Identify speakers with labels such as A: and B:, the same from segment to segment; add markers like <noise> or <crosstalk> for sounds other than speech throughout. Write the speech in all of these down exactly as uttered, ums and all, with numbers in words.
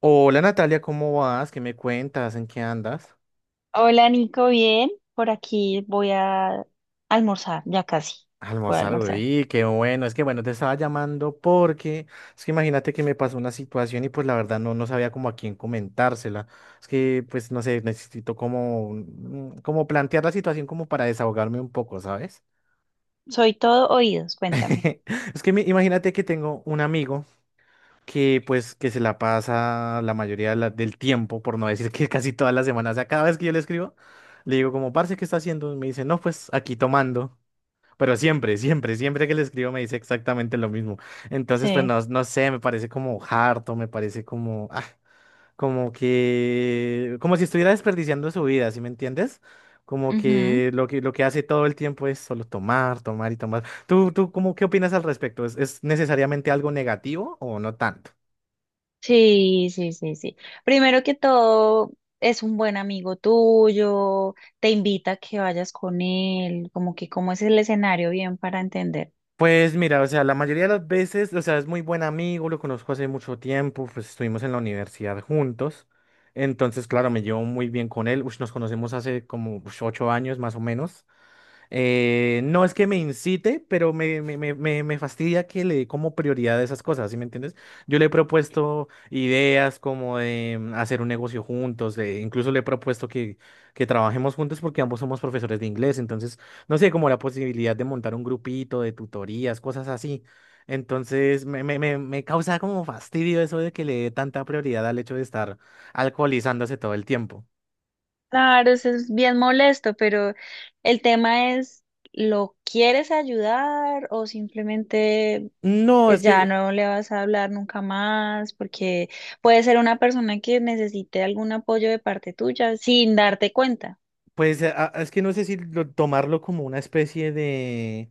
A: Hola Natalia, ¿cómo vas? ¿Qué me cuentas? ¿En qué andas?
B: Hola Nico, bien. Por aquí voy a almorzar, ya casi. Voy a
A: Almorzar,
B: almorzar.
A: güey, qué bueno. Es que bueno, te estaba llamando porque es que imagínate que me pasó una situación y pues la verdad no, no sabía como a quién comentársela. Es que pues no sé, necesito como, mm, como plantear la situación como para desahogarme un poco, ¿sabes?
B: Soy todo oídos, cuéntame.
A: <laughs> Es que mi- imagínate que tengo un amigo que pues que se la pasa la mayoría de la- del tiempo, por no decir que casi todas las semanas, o sea, cada vez que yo le escribo, le digo como, parce, ¿qué está haciendo? Y me dice, no, pues aquí tomando. Pero siempre, siempre, siempre que le escribo me dice exactamente lo mismo. Entonces, pues
B: Sí.
A: no, no sé, me parece como harto, me parece como, ah, como que, como si estuviera desperdiciando su vida, ¿sí me entiendes? Como
B: Ujú.
A: que lo que, lo que hace todo el tiempo es solo tomar, tomar y tomar. ¿Tú, tú, cómo, qué opinas al respecto? ¿Es, es necesariamente algo negativo o no tanto?
B: Sí, sí, sí, sí. Primero que todo, es un buen amigo tuyo, te invita a que vayas con él, como que cómo es el escenario bien para entender.
A: Pues mira, o sea, la mayoría de las veces, o sea, es muy buen amigo, lo conozco hace mucho tiempo, pues estuvimos en la universidad juntos, entonces, claro, me llevo muy bien con él, ush, nos conocemos hace como ush, ocho años más o menos. Eh, no es que me incite, pero me, me, me, me- me fastidia que le dé como prioridad a esas cosas, ¿sí me entiendes? Yo le he propuesto ideas como de mm, hacer un negocio juntos, de- incluso le he propuesto que, que trabajemos juntos porque ambos somos profesores de inglés, entonces, no sé, como la posibilidad de montar un grupito de tutorías, cosas así. Entonces, me, me, me, me causa como fastidio eso de que le dé tanta prioridad al hecho de estar alcoholizándose todo el tiempo.
B: Claro, eso es bien molesto, pero el tema es, ¿lo quieres ayudar o simplemente
A: No,
B: pues
A: es
B: ya
A: que
B: no le vas a hablar nunca más? Porque puede ser una persona que necesite algún apoyo de parte tuya sin darte cuenta.
A: pues a- a- es que no sé si lo- tomarlo como una especie de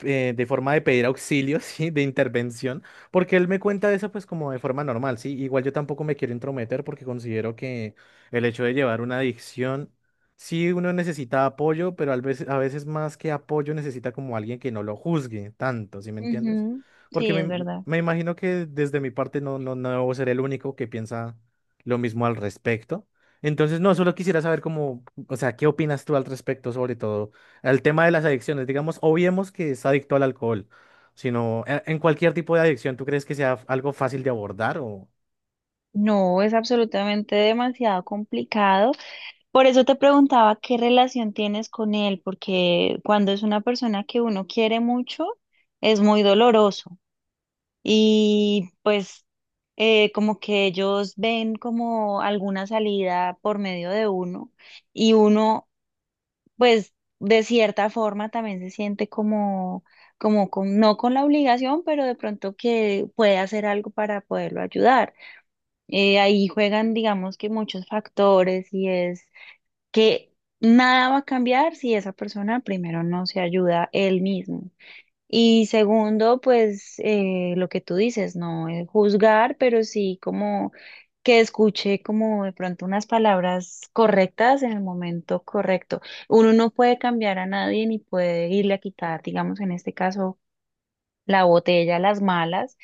A: eh, de forma de pedir auxilio, <laughs> ¿sí? De intervención, porque él me cuenta eso pues como de forma normal, ¿sí? Igual yo tampoco me quiero intrometer porque considero que el hecho de llevar una adicción, sí uno necesita apoyo, pero a veces, a veces más que apoyo necesita como alguien que no lo juzgue tanto, ¿sí me entiendes?
B: Ujú.
A: Porque
B: Sí, es
A: me,
B: verdad.
A: me imagino que desde mi parte no, no, no debo ser el único que piensa lo mismo al respecto. Entonces, no, solo quisiera saber cómo, o sea, ¿qué opinas tú al respecto, sobre todo? Al tema de las adicciones, digamos, obviemos que es adicto al alcohol, sino e- en cualquier tipo de adicción, ¿tú crees que sea algo fácil de abordar o,
B: No, es absolutamente demasiado complicado. Por eso te preguntaba qué relación tienes con él, porque cuando es una persona que uno quiere mucho, es muy doloroso. Y pues eh, como que ellos ven como alguna salida por medio de uno y uno pues de cierta forma también se siente como, como con, no con la obligación, pero de pronto que puede hacer algo para poderlo ayudar. Eh, ahí juegan digamos que muchos factores y es que nada va a cambiar si esa persona primero no se ayuda él mismo. Y segundo, pues eh, lo que tú dices, no eh, juzgar, pero sí como que escuche como de pronto unas palabras correctas en el momento correcto. Uno no puede cambiar a nadie ni puede irle a quitar, digamos, en este caso la botella, las malas,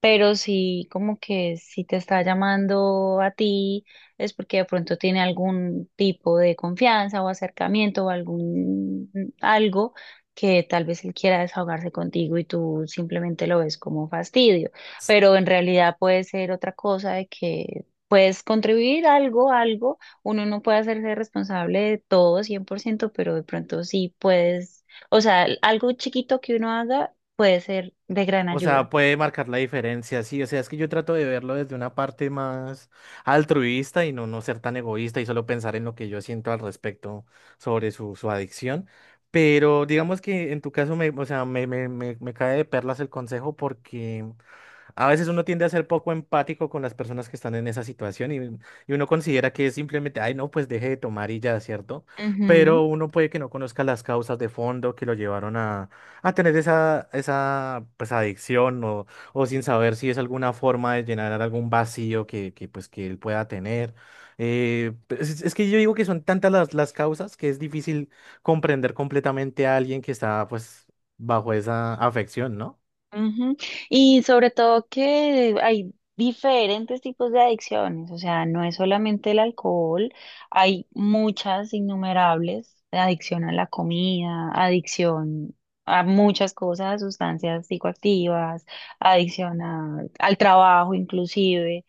B: pero sí, como que si te está llamando a ti es porque de pronto tiene algún tipo de confianza o acercamiento o algún algo que tal vez él quiera desahogarse contigo y tú simplemente lo ves como fastidio, pero en realidad puede ser otra cosa de que puedes contribuir algo, algo, uno no puede hacerse responsable de todo cien por ciento pero de pronto sí puedes o sea, algo chiquito que uno haga puede ser de gran
A: o sea,
B: ayuda.
A: puede marcar la diferencia? Sí, o sea, es que yo trato de verlo desde una parte más altruista y no, no ser tan egoísta y solo pensar en lo que yo siento al respecto sobre su, su adicción. Pero digamos que en tu caso me, o sea, me, me, me, me cae de perlas el consejo porque a veces uno tiende a ser poco empático con las personas que están en esa situación y, y uno considera que es simplemente, ay, no, pues deje de tomar y ya, ¿cierto? Pero uno puede que no conozca las causas de fondo que lo llevaron a, a tener esa, esa pues, adicción o, o sin saber si es alguna forma de llenar algún vacío que, que, pues, que él pueda tener. Eh, pues, es, es que yo digo que son tantas las, las causas que es difícil comprender completamente a alguien que está pues bajo esa afección, ¿no?
B: Ujú, ujú. Y sobre todo que hay diferentes tipos de adicciones, o sea, no es solamente el alcohol, hay muchas innumerables, adicción a la comida, adicción a muchas cosas, a sustancias psicoactivas, adicción a- al trabajo inclusive.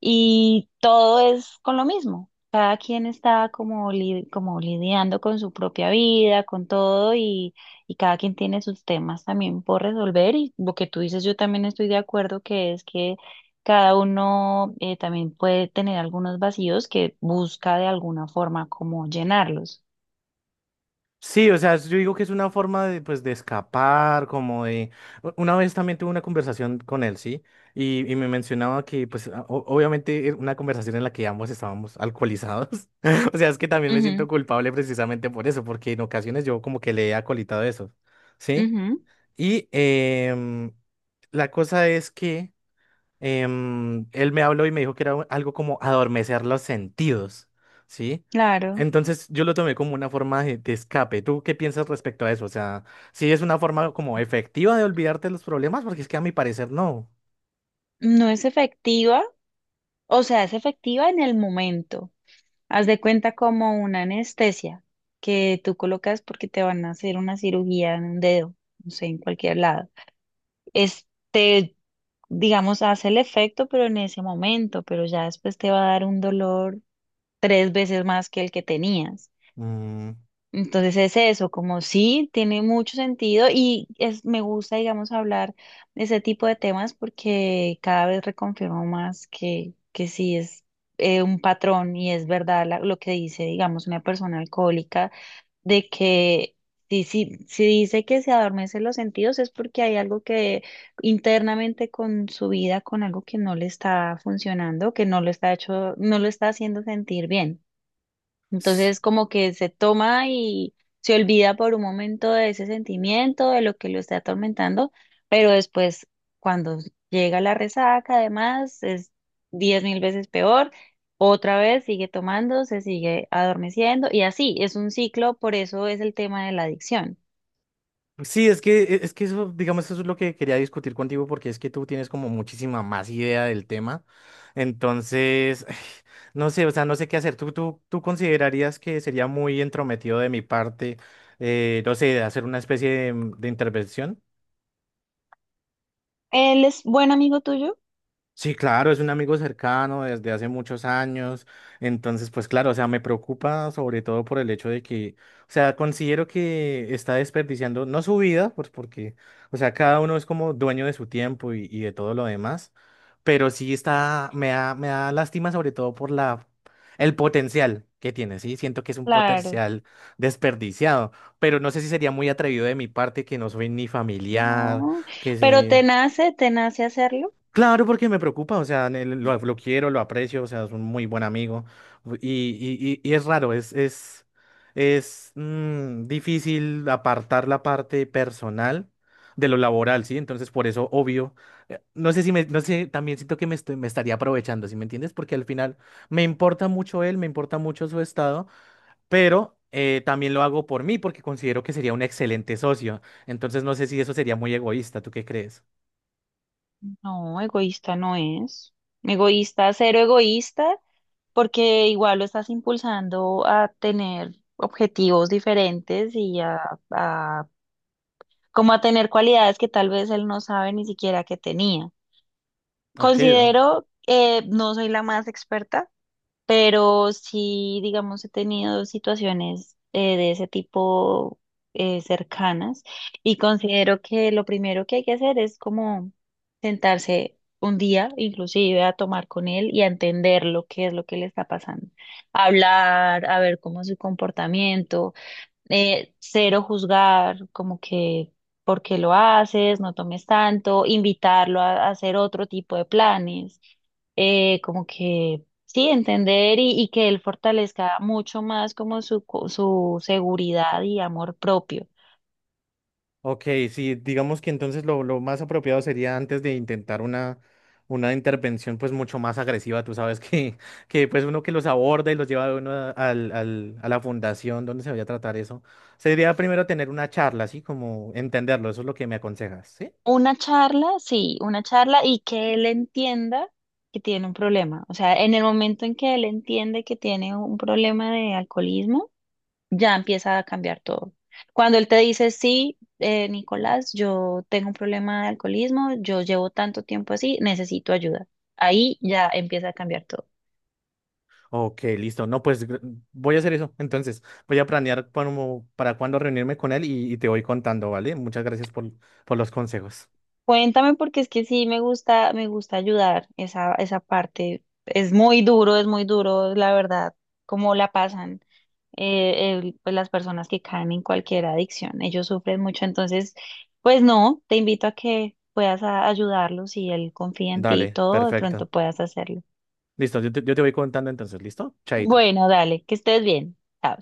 B: Y todo es con lo mismo. Cada quien está como, li- como lidiando con su propia vida, con todo, y, y cada quien tiene sus temas también por resolver. Y lo que tú dices, yo también estoy de acuerdo, que es que cada uno eh, también puede tener algunos vacíos que busca de alguna forma como llenarlos.
A: Sí, o sea, yo digo que es una forma de, pues, de escapar, como de... u- Una vez también tuve una conversación con él, ¿sí? Y, y me mencionaba que, pues, a- o- obviamente era una conversación en la que ambos estábamos alcoholizados. <laughs> O sea, es que también me siento
B: Ujú,
A: culpable precisamente por eso, porque en ocasiones yo como que le he acolitado eso, ¿sí?
B: ujú,
A: Y em, la cosa es que em, él me habló y me dijo que era u- algo como adormecer los sentidos, ¿sí?
B: claro.
A: Entonces yo lo tomé como una forma de, de escape. ¿Tú qué piensas respecto a eso? O sea, ¿si es una forma como efectiva de olvidarte de los problemas? Porque es que a mi parecer no.
B: No es efectiva. O sea, es efectiva en el momento. Haz de cuenta como una anestesia que tú colocas porque te van a hacer una cirugía en un dedo, no sé, en cualquier lado. Este, digamos, hace el efecto, pero en ese momento, pero ya después te va a dar un dolor tres veces más que el que tenías.
A: Mm.
B: Entonces es eso, como sí, tiene mucho sentido y es, me gusta, digamos, hablar de ese tipo de temas porque cada vez reconfirmo más que, que sí es eh, un patrón y es verdad la- lo que dice, digamos, una persona alcohólica, de que si, si, si dice que se adormecen los sentidos es porque hay algo que internamente con su vida, con algo que no le está funcionando, que no lo está hecho, no lo está haciendo sentir bien. Entonces como que se toma y se olvida por un momento de ese sentimiento, de lo que lo está atormentando, pero después cuando llega la resaca además es diez mil veces peor, otra vez sigue tomando, se sigue adormeciendo y así, es un ciclo, por eso es el tema de la adicción.
A: Sí, es que, e, es que eso, digamos, eso es lo que quería discutir contigo porque es que tú tienes como muchísima más idea del tema. Entonces, <sighs> no sé, o sea, no sé qué hacer. ¿Tú, tú, tú considerarías que sería muy entrometido de mi parte, eh, no sé, hacer una especie de, de intervención?
B: ¿Él es buen amigo tuyo?
A: Sí, claro, es un amigo cercano desde hace muchos años. Entonces, pues claro, o sea, me preocupa sobre todo por el hecho de que, o sea, considero que está desperdiciando, no su vida, pues porque, o sea, cada uno es como dueño de su tiempo y, y de todo lo demás, pero sí está, me da, me da lástima sobre todo por la, el potencial que tiene, sí, siento que es un
B: Claro,
A: potencial desperdiciado, pero no sé si sería muy atrevido de mi parte que no soy ni familiar,
B: no,
A: que
B: pero
A: sí.
B: te nace, te nace hacerlo.
A: Claro, porque me preocupa, o sea, ne- lo, lo quiero, lo aprecio, o sea, es un muy buen amigo y, y- y- y es raro, es, es, es mm, difícil apartar la parte personal de lo laboral, ¿sí? Entonces, por eso, obvio, eh, no sé si me, no sé, también siento que me, estoy- me estaría aprovechando, ¿sí me entiendes? Porque al final me importa mucho él, me importa mucho su estado, pero eh, también lo hago por mí porque considero que sería un excelente socio. Entonces, no sé si eso sería muy egoísta, ¿tú qué crees?
B: No, egoísta no es. Egoísta, cero egoísta. Porque igual lo estás impulsando a tener objetivos diferentes y a, a- como a tener cualidades que tal vez él no sabe ni siquiera que tenía.
A: Ok.
B: Considero, eh, no soy la más experta, pero sí, digamos, he tenido situaciones eh, de ese tipo eh, cercanas y considero que lo primero que hay que hacer es como sentarse un día, inclusive a tomar con él y a entender lo que es lo que le está pasando, hablar, a ver cómo es su comportamiento, eh, cero juzgar, como que por qué lo haces, no tomes tanto, invitarlo a, a hacer otro tipo de planes, eh, como que sí, entender y, y que él fortalezca mucho más como su, co- su seguridad y amor propio.
A: Ok, sí, digamos que entonces lo, lo más apropiado sería antes de intentar una, una intervención pues mucho más agresiva, tú sabes <laughs> que, que pues uno que los aborda y los lleva de uno a, al- al- a la fundación donde se vaya a tratar eso, sería primero tener una charla, así como entenderlo, eso es lo que me aconsejas, ¿sí?
B: Una charla, sí, una charla y que él entienda que tiene un problema. O sea, en el momento en que él entiende que tiene un problema de alcoholismo, ya empieza a cambiar todo. Cuando él te dice, sí, eh, Nicolás, yo tengo un problema de alcoholismo, yo llevo tanto tiempo así, necesito ayuda. Ahí ya empieza a cambiar todo.
A: Ok, listo, no, pues gr- voy a hacer eso, entonces voy a planear como para cuándo reunirme con él y, y te voy contando, ¿vale? Muchas gracias por, por los consejos.
B: Cuéntame porque es que sí me gusta, me gusta ayudar esa, esa parte. Es muy duro, es muy duro, la verdad, cómo la pasan eh, el- pues las personas que caen en cualquier adicción. Ellos sufren mucho, entonces, pues no, te invito a que puedas a- ayudarlos y él confía en ti y
A: Dale,
B: todo, de
A: perfecto.
B: pronto puedas hacerlo.
A: Listo, yo te, yo te voy contando entonces, ¿listo? Chaito.
B: Bueno, dale, que estés bien. Chao.